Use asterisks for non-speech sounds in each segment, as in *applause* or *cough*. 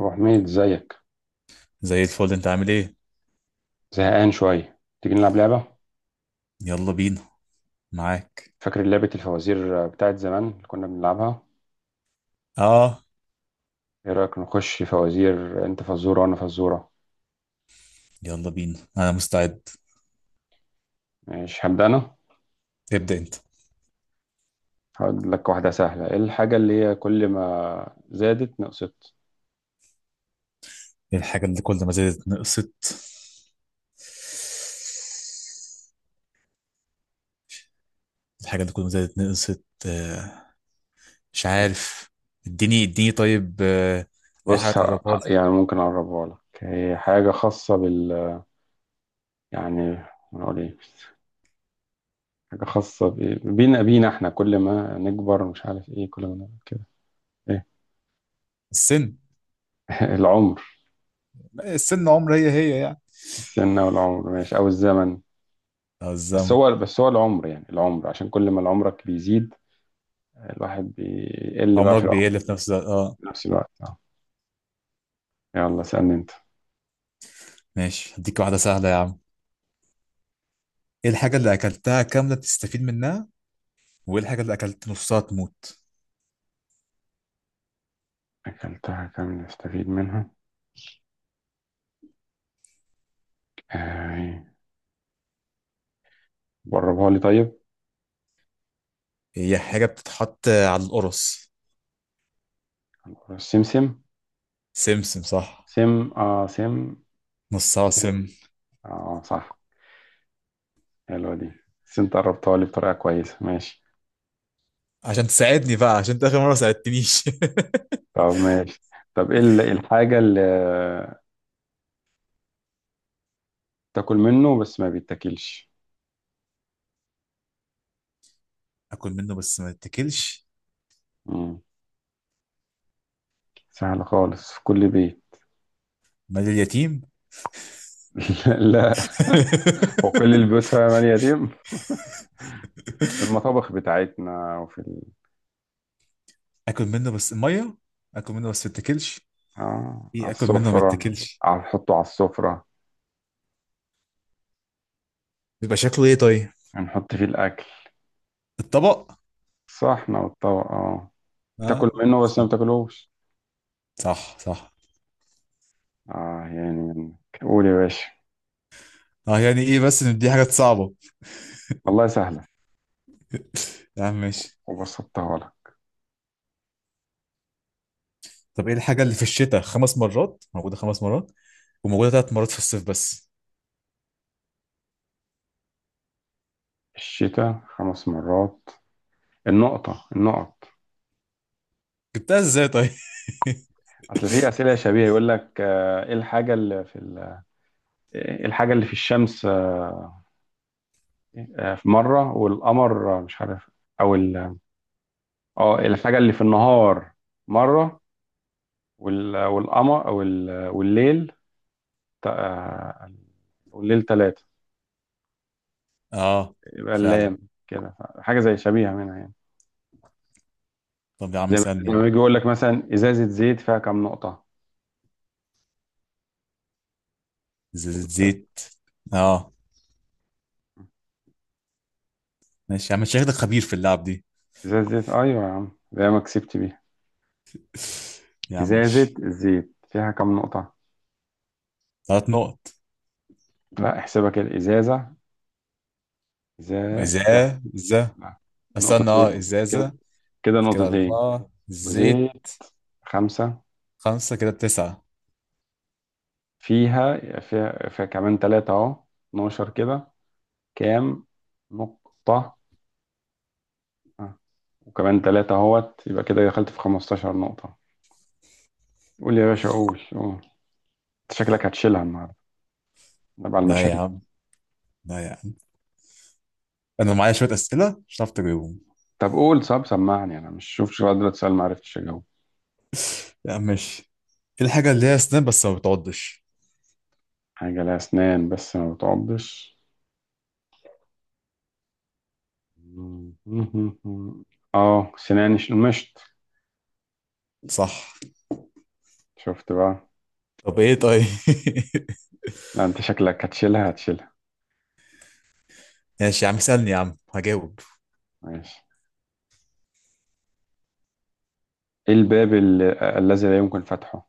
أبو حميد، ازيك؟ زي الفل، انت عامل ايه؟ زهقان شوية. تيجي نلعب لعبة؟ يلا بينا. معاك. فاكر لعبة الفوازير بتاعت زمان اللي كنا بنلعبها؟ اه. ايه رأيك نخش فوازير؟ انت فزورة وانا فزورة. يلا بينا، انا مستعد. ماشي، هبدأ انا. ابدأ انت. هقول لك واحدة سهلة. ايه الحاجة اللي هي كل ما زادت نقصت؟ إيه الحاجة اللي كل ما زادت نقصت؟ الحاجة اللي كل ما زادت نقصت. مش عارف. اديني اديني طيب. اي حاجة بص، تقربها لي. يعني ممكن أقربها لك. هي حاجة خاصة بال... يعني... نقول ايه؟ حاجة خاصة ب- بينا بينا، احنا كل ما نكبر مش عارف ايه كل ما نعمل كده. ايه؟ السن. *laughs* العمر. السن عمر، هي هي يعني. السن والعمر، ماشي، أو الزمن. اه، بس الزمن. هو بس هو العمر، يعني العمر عشان كل ما العمرك بيزيد. الواحد بيقل بقى في عمرك العمر. بيقل في نفس الوقت، اه. في نفس الوقت، اه. يلا اسألني انت. ماشي، هديك واحدة سهلة يا عم. ايه الحاجة اللي اكلتها كاملة بتستفيد منها؟ وايه الحاجة اللي اكلت نصها تموت؟ اكلتها كامل نستفيد منها؟ آه، جربها لي طيب. هي حاجة بتتحط على القرص. السمسم. سمسم، صح. سم. اه، سم. نص عاصم. سم. اه، صح. حلوة دي. بس انت قربتها لي بطريقة كويسة، ماشي. عشان تساعدني بقى، عشان انت اخر مره ما ساعدتنيش. طب ماشي. طب ايه الحاجة اللي تاكل منه بس ما بيتاكلش؟ *laughs* اكل منه بس ما اتاكلش. مم. سهلة خالص، في كل بيت. مال اليتيم. *laughs* لا. وكل *laughs* البيوت فيها مال يتيم. *laughs* في المطابخ بتاعتنا وفي ال... اكل منه بس ميه. اكل منه بس ما اتاكلش. آه، ايه على اكل منه ما السفرة. اتاكلش؟ على، نحطه على السفرة. بيبقى شكله ايه طيب؟ هنحط فيه الأكل. الطبق. الصحن والطبق، اه. بتاكل اه، منه بس ما صح، بتاكلوش. صح، صح. اه يعني قول يا باشا. اه يعني ايه، بس ان دي حاجات صعبه. والله سهلة. *laughs* يا عم ماشي. وبسطتها لك. طب ايه الحاجه اللي في الشتاء 5 مرات موجوده 5 مرات وموجوده 3 مرات في الصيف بس؟ الشتاء خمس مرات. النقطة، النقط. جبتها ازاي طيب؟ أصل في أسئلة شبيهة يقول لك إيه الحاجة اللي في ال... إيه الحاجة اللي في الشمس في مرة والقمر مش عارف. أو ال... اه، الحاجة اللي في النهار مرة والقمر والليل تا- والليل ثلاثة. *laughs* اه، يبقى فعلا. اللام. كده حاجة زي شبيهة منها يعني. طب يا عم زي ما زي سألني. ما يجي يقول لك مثلا إزازة زيت فيها كام نقطة. زيت كده. زيت. اه. ماشي يا عم، انت شكلك خبير في اللعب دي. إزازة زيت، أيوة يا عم، زي ما كسبت بيها. يا عم إزازة ماشي. الزيت فيها كام نقطة؟ 3 نقط. لا احسبها كده. إزازة، إزازة، لا. إزازة. لا، استنى، اه، نقطتين كده. إزازة. كده كده نقطتين. أربعة، زيت. وزيت. خمسة. خمسة، كده بتسعة. فيها كمان ثلاثة أهو. 12 كده. كام نقطة؟ آه. وكمان تلاتة اهوت، يبقى كده دخلت في 15 نقطة. قول يا باشا، قول، قول. انت شكلك هتشيلها النهاردة. تبع لا يا المشاريع. عم. لا يا عم. أنا معايا شوية أسئلة مش هتعرف تجاوبهم. طب قول، طب سمعني، انا مش شوف قادر اتسأل ما عرفتش اجاوب. يا عم ماشي. إيه الحاجة اللي هي سناب بس ما بتعضش؟ حاجة لها اسنان بس ما بتعضش؟ *laughs* اه سناني، مشط. صح. شفت بقى. طب إيه طيب. *laughs* لا، انت شكلك هتشيلها هتشيلها. ماشي يا عم سألني، يا عم هجاوب. ماشي. ايه الباب الذي لا يمكن فتحه؟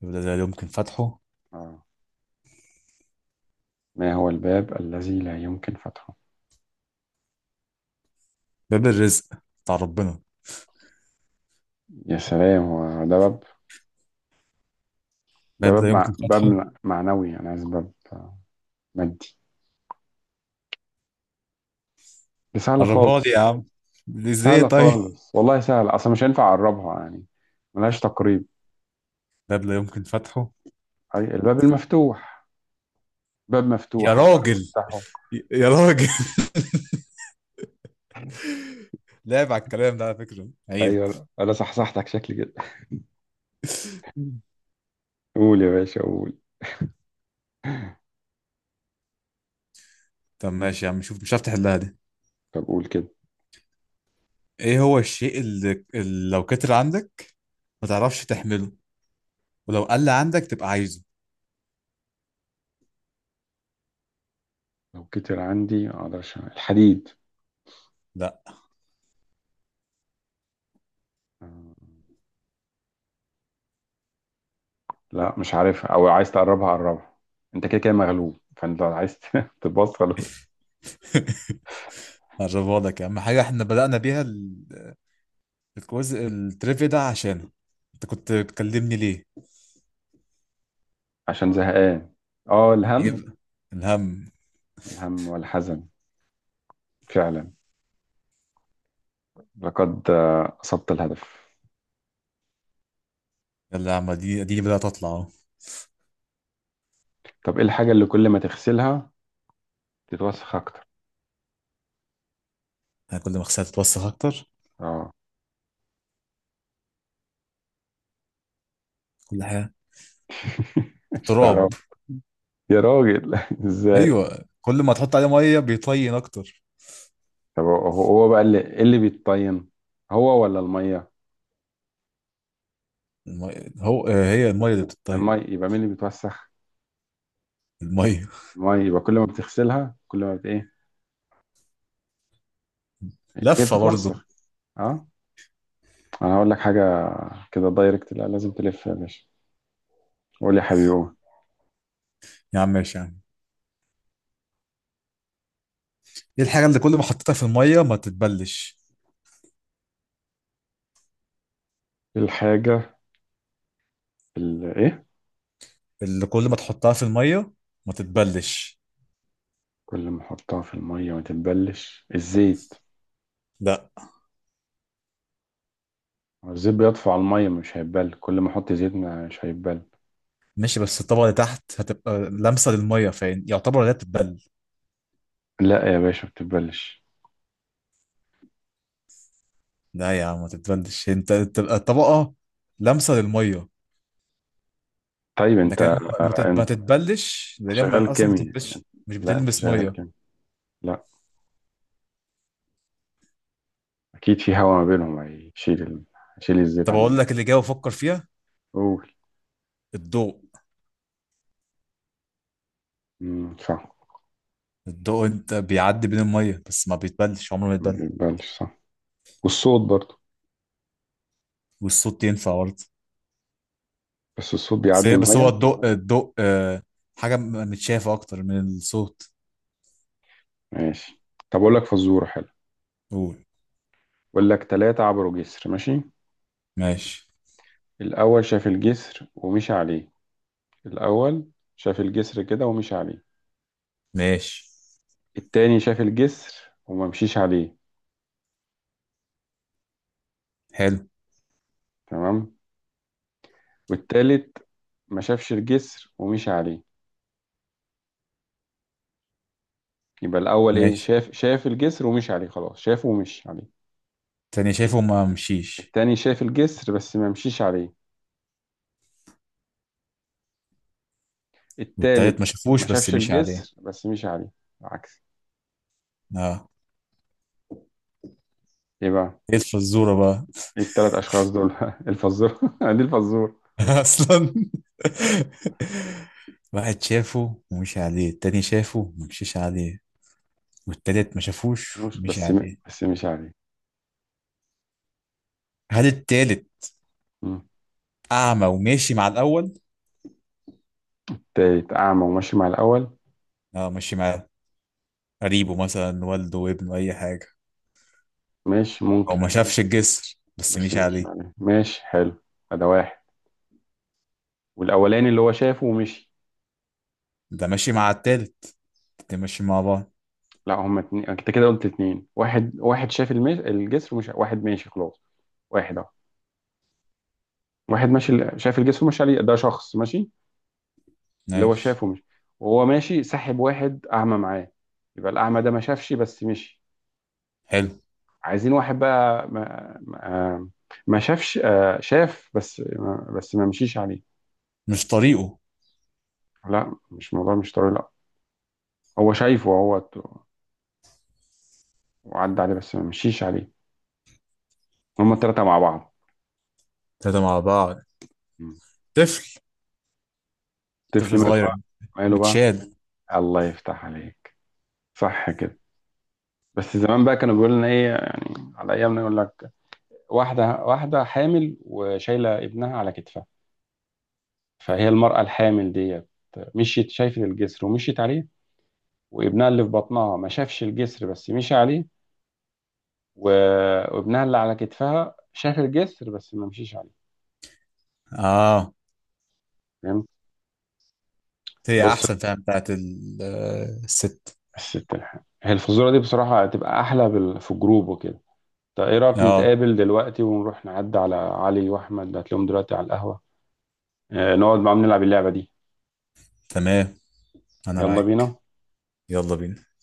باب لا يمكن فتحه. اه. ما هو الباب الذي لا يمكن فتحه؟ باب الرزق. بتاع ربنا. يا سلام، هو ده باب؟ ده باب باب لا مع... يمكن باب فتحه. معنوي، انا عايز باب مادي. دي سهلة قربها لي يا خالص. عم. ازاي سهلة طيب؟ خالص، والله سهلة أصلا، مش هينفع أقربها يعني. ملهاش تقريب. ده اللي يمكن فتحه. أي الباب المفتوح. باب يا مفتوح هتعرف راجل. تفتحه؟ يا راجل. *laughs* لعب على الكلام ده على فكرة عيب. ايوه، انا صحصحتك شكلي كده. *laughs* قول يا باشا، قول. طب ماشي يا عم، شوف مش عارف تحلها دي. طب قول كده. ايه هو الشيء اللي لو كتر عندك ما تعرفش تحمله، ولو قل عندك تبقى عايزه. لو كتر عندي ما أقدرش أعمل. الحديد. لا. آه، لا مش عارفها، أو عايز تقربها قربها. أنت كده كده مغلوب، فأنت لو عايز *laughs* تبص، خلاص. *laughs* هجربها لك يا عم، حاجة احنا بدأنا بيها الكويز التريفيا ده، عشان انت كنت بتكلمني ليه؟ عشان زهقان. أه، ايه الهم. بقى؟ الهم. الهم والحزن. فعلا. لقد أصبت الهدف. يلا يا عم، دي بدأت تطلع اهو. طب ايه الحاجة اللي كل ما تغسلها تتوسخ اكتر؟ أنا كل ما خسرت تتوسخ اكتر. اه. كل حاجة. *laughs* مش التراب. تعرف؟ يا راجل *laughs* ازاي؟ ايوه، كل ما تحط عليه مية بيطين اكتر. طب هو بقى اللي إيه اللي بيتطين، هو ولا المية؟ المية هو آه، هي المية اللي بتطير. المية، يبقى مين اللي بيتوسخ؟ المية. المية، يبقى كل ما بتغسلها كل ما بت ايه. *laughs* هي لفة برضه. بتتوسخ. اه. انا هقول لك حاجة. كده دايركت، لا لازم تلف يا باشا. قول يا حبيبي، قول. يا عم ماشي يا عم. ايه الحاجة اللي كل ما حطيتها في المية ما تتبلش؟ إيه الحاجة اللي ايه اللي كل ما تحطها في المية ما تتبلش. كل ما احطها في المية ما تتبلش؟ الزيت. لا. هو الزيت بيطفو على المية، مش هيتبل، كل ما احط زيت مش هيتبل. ماشي، بس الطبقة اللي تحت هتبقى لامسة للمية، فين يعتبر لا تتبل. لا يا باشا بتتبلش. لا يا عم ما تتبلش، انت تبقى الطبقة لامسة للمية. طيب انت، لكن ما انت تتبلش، لان هي شغال اصلا ما كيمياء. بتلبسش، مش لا انت بتلمس شغال مية. كيمياء. لا. اكيد في هوا ما بينهم هيشيل ال... هيشيل الزيت طب عن. اقول لك اللي جاي وفكر فيها. قول. الضوء. مم، صح. الضوء انت بيعدي بين المية بس ما بيتبلش، عمره ما ما يتبل. بيقبلش، صح. والصوت برضه. والصوت ينفع برضه. بس الصوت بيعدي بس هو الميه. الضوء، حاجة متشافة أكتر من الصوت. ماشي. طب اقول لك فزوره حلو. قول. اقول لك، ثلاثه عبروا جسر، ماشي. ماشي. الاول شاف الجسر ومشي عليه. الاول شاف الجسر كده ومشي عليه. ماشي، التاني شاف الجسر وما مشيش عليه. حلو. تمام. والتالت ما شافش الجسر ومشي عليه. يبقى الأول إيه، ماشي. شاف الجسر ومشي عليه، خلاص شافه ومشي عليه. تاني شايفه ما مشيش. التاني شاف الجسر بس ما مشيش عليه. والتالت التالت ما ما شافوش بس شافش مشي عليه. الجسر بس مشي عليه. العكس. اه. إيه بقى؟ ايه الفزورة بقى؟ إيه التلات أشخاص دول؟ *laughs* الفزورة *laughs* دي الفزورة. *laughs* أصلا واحد شافه ومشي عليه، التاني شافه ومشيش عليه، والتالت ما شافوش مش ومشي بس م... عليه. بس مشي عليه. هل التالت مم. أعمى وماشي مع الأول؟ التالت أعمى وماشي مع الأول. اه، ماشي معاه. قريبه مثلا، والده وابنه، أي حاجة. ماشي، هو ممكن. ما شافش الجسر بس بس مشي مشي عليه. عليه، ماشي حلو. ده واحد. والأولاني اللي هو شافه ومشي. ده ماشي مع التالت. الاتنين ماشيين مع بعض. لا هما اتنين، أنت كده قلت اتنين. واحد واحد شاف المش... الجسر ومش واحد ماشي خلاص. واحد أهو. واحد ماشي شايف الجسر ماشي عليه، ده شخص ماشي. اللي هو ماشي، شافه مش، وهو ماشي سحب واحد أعمى معاه. يبقى الأعمى ده ما شافش بس مشي. حلو. عايزين واحد بقى ما شافش، شاف بس ما مشيش عليه. مش طريقه. لا مش موضوع، مش طريق، لا. هو شايفه، هو وعدى عليه بس ما مشيش عليه. هما التلاتة مع بعض. تلاتة مع بعض. مم. طفل. الطفل طفل ماله صغير. بقى؟ ماله بقى؟ متشال. الله يفتح عليك. صح كده. بس زمان بقى كانوا بيقولوا لنا ايه، يعني على ايامنا يقول لك واحدة، واحدة حامل وشايلة ابنها على كتفها. فهي المرأة الحامل ديت، مشيت شايفة الجسر ومشيت عليه. وابنها اللي في بطنها ما شافش الجسر بس مشي عليه. و- وابنها اللي على كتفها شاف الجسر بس ما مشيش عليه. اه، فهمت؟ هي بص، احسن فعلا بتاعت الست. الست الحامل هي الفزورة دي، بصراحة هتبقى أحلى بال... في الجروب وكده. طيب إيه رأيك اه. نتقابل دلوقتي ونروح نعدي على علي وأحمد؟ هتلاقيهم دلوقتي على القهوة. نقعد معاهم نلعب اللعبة دي. تمام. انا يلا معاك. بينا. يلا بينا.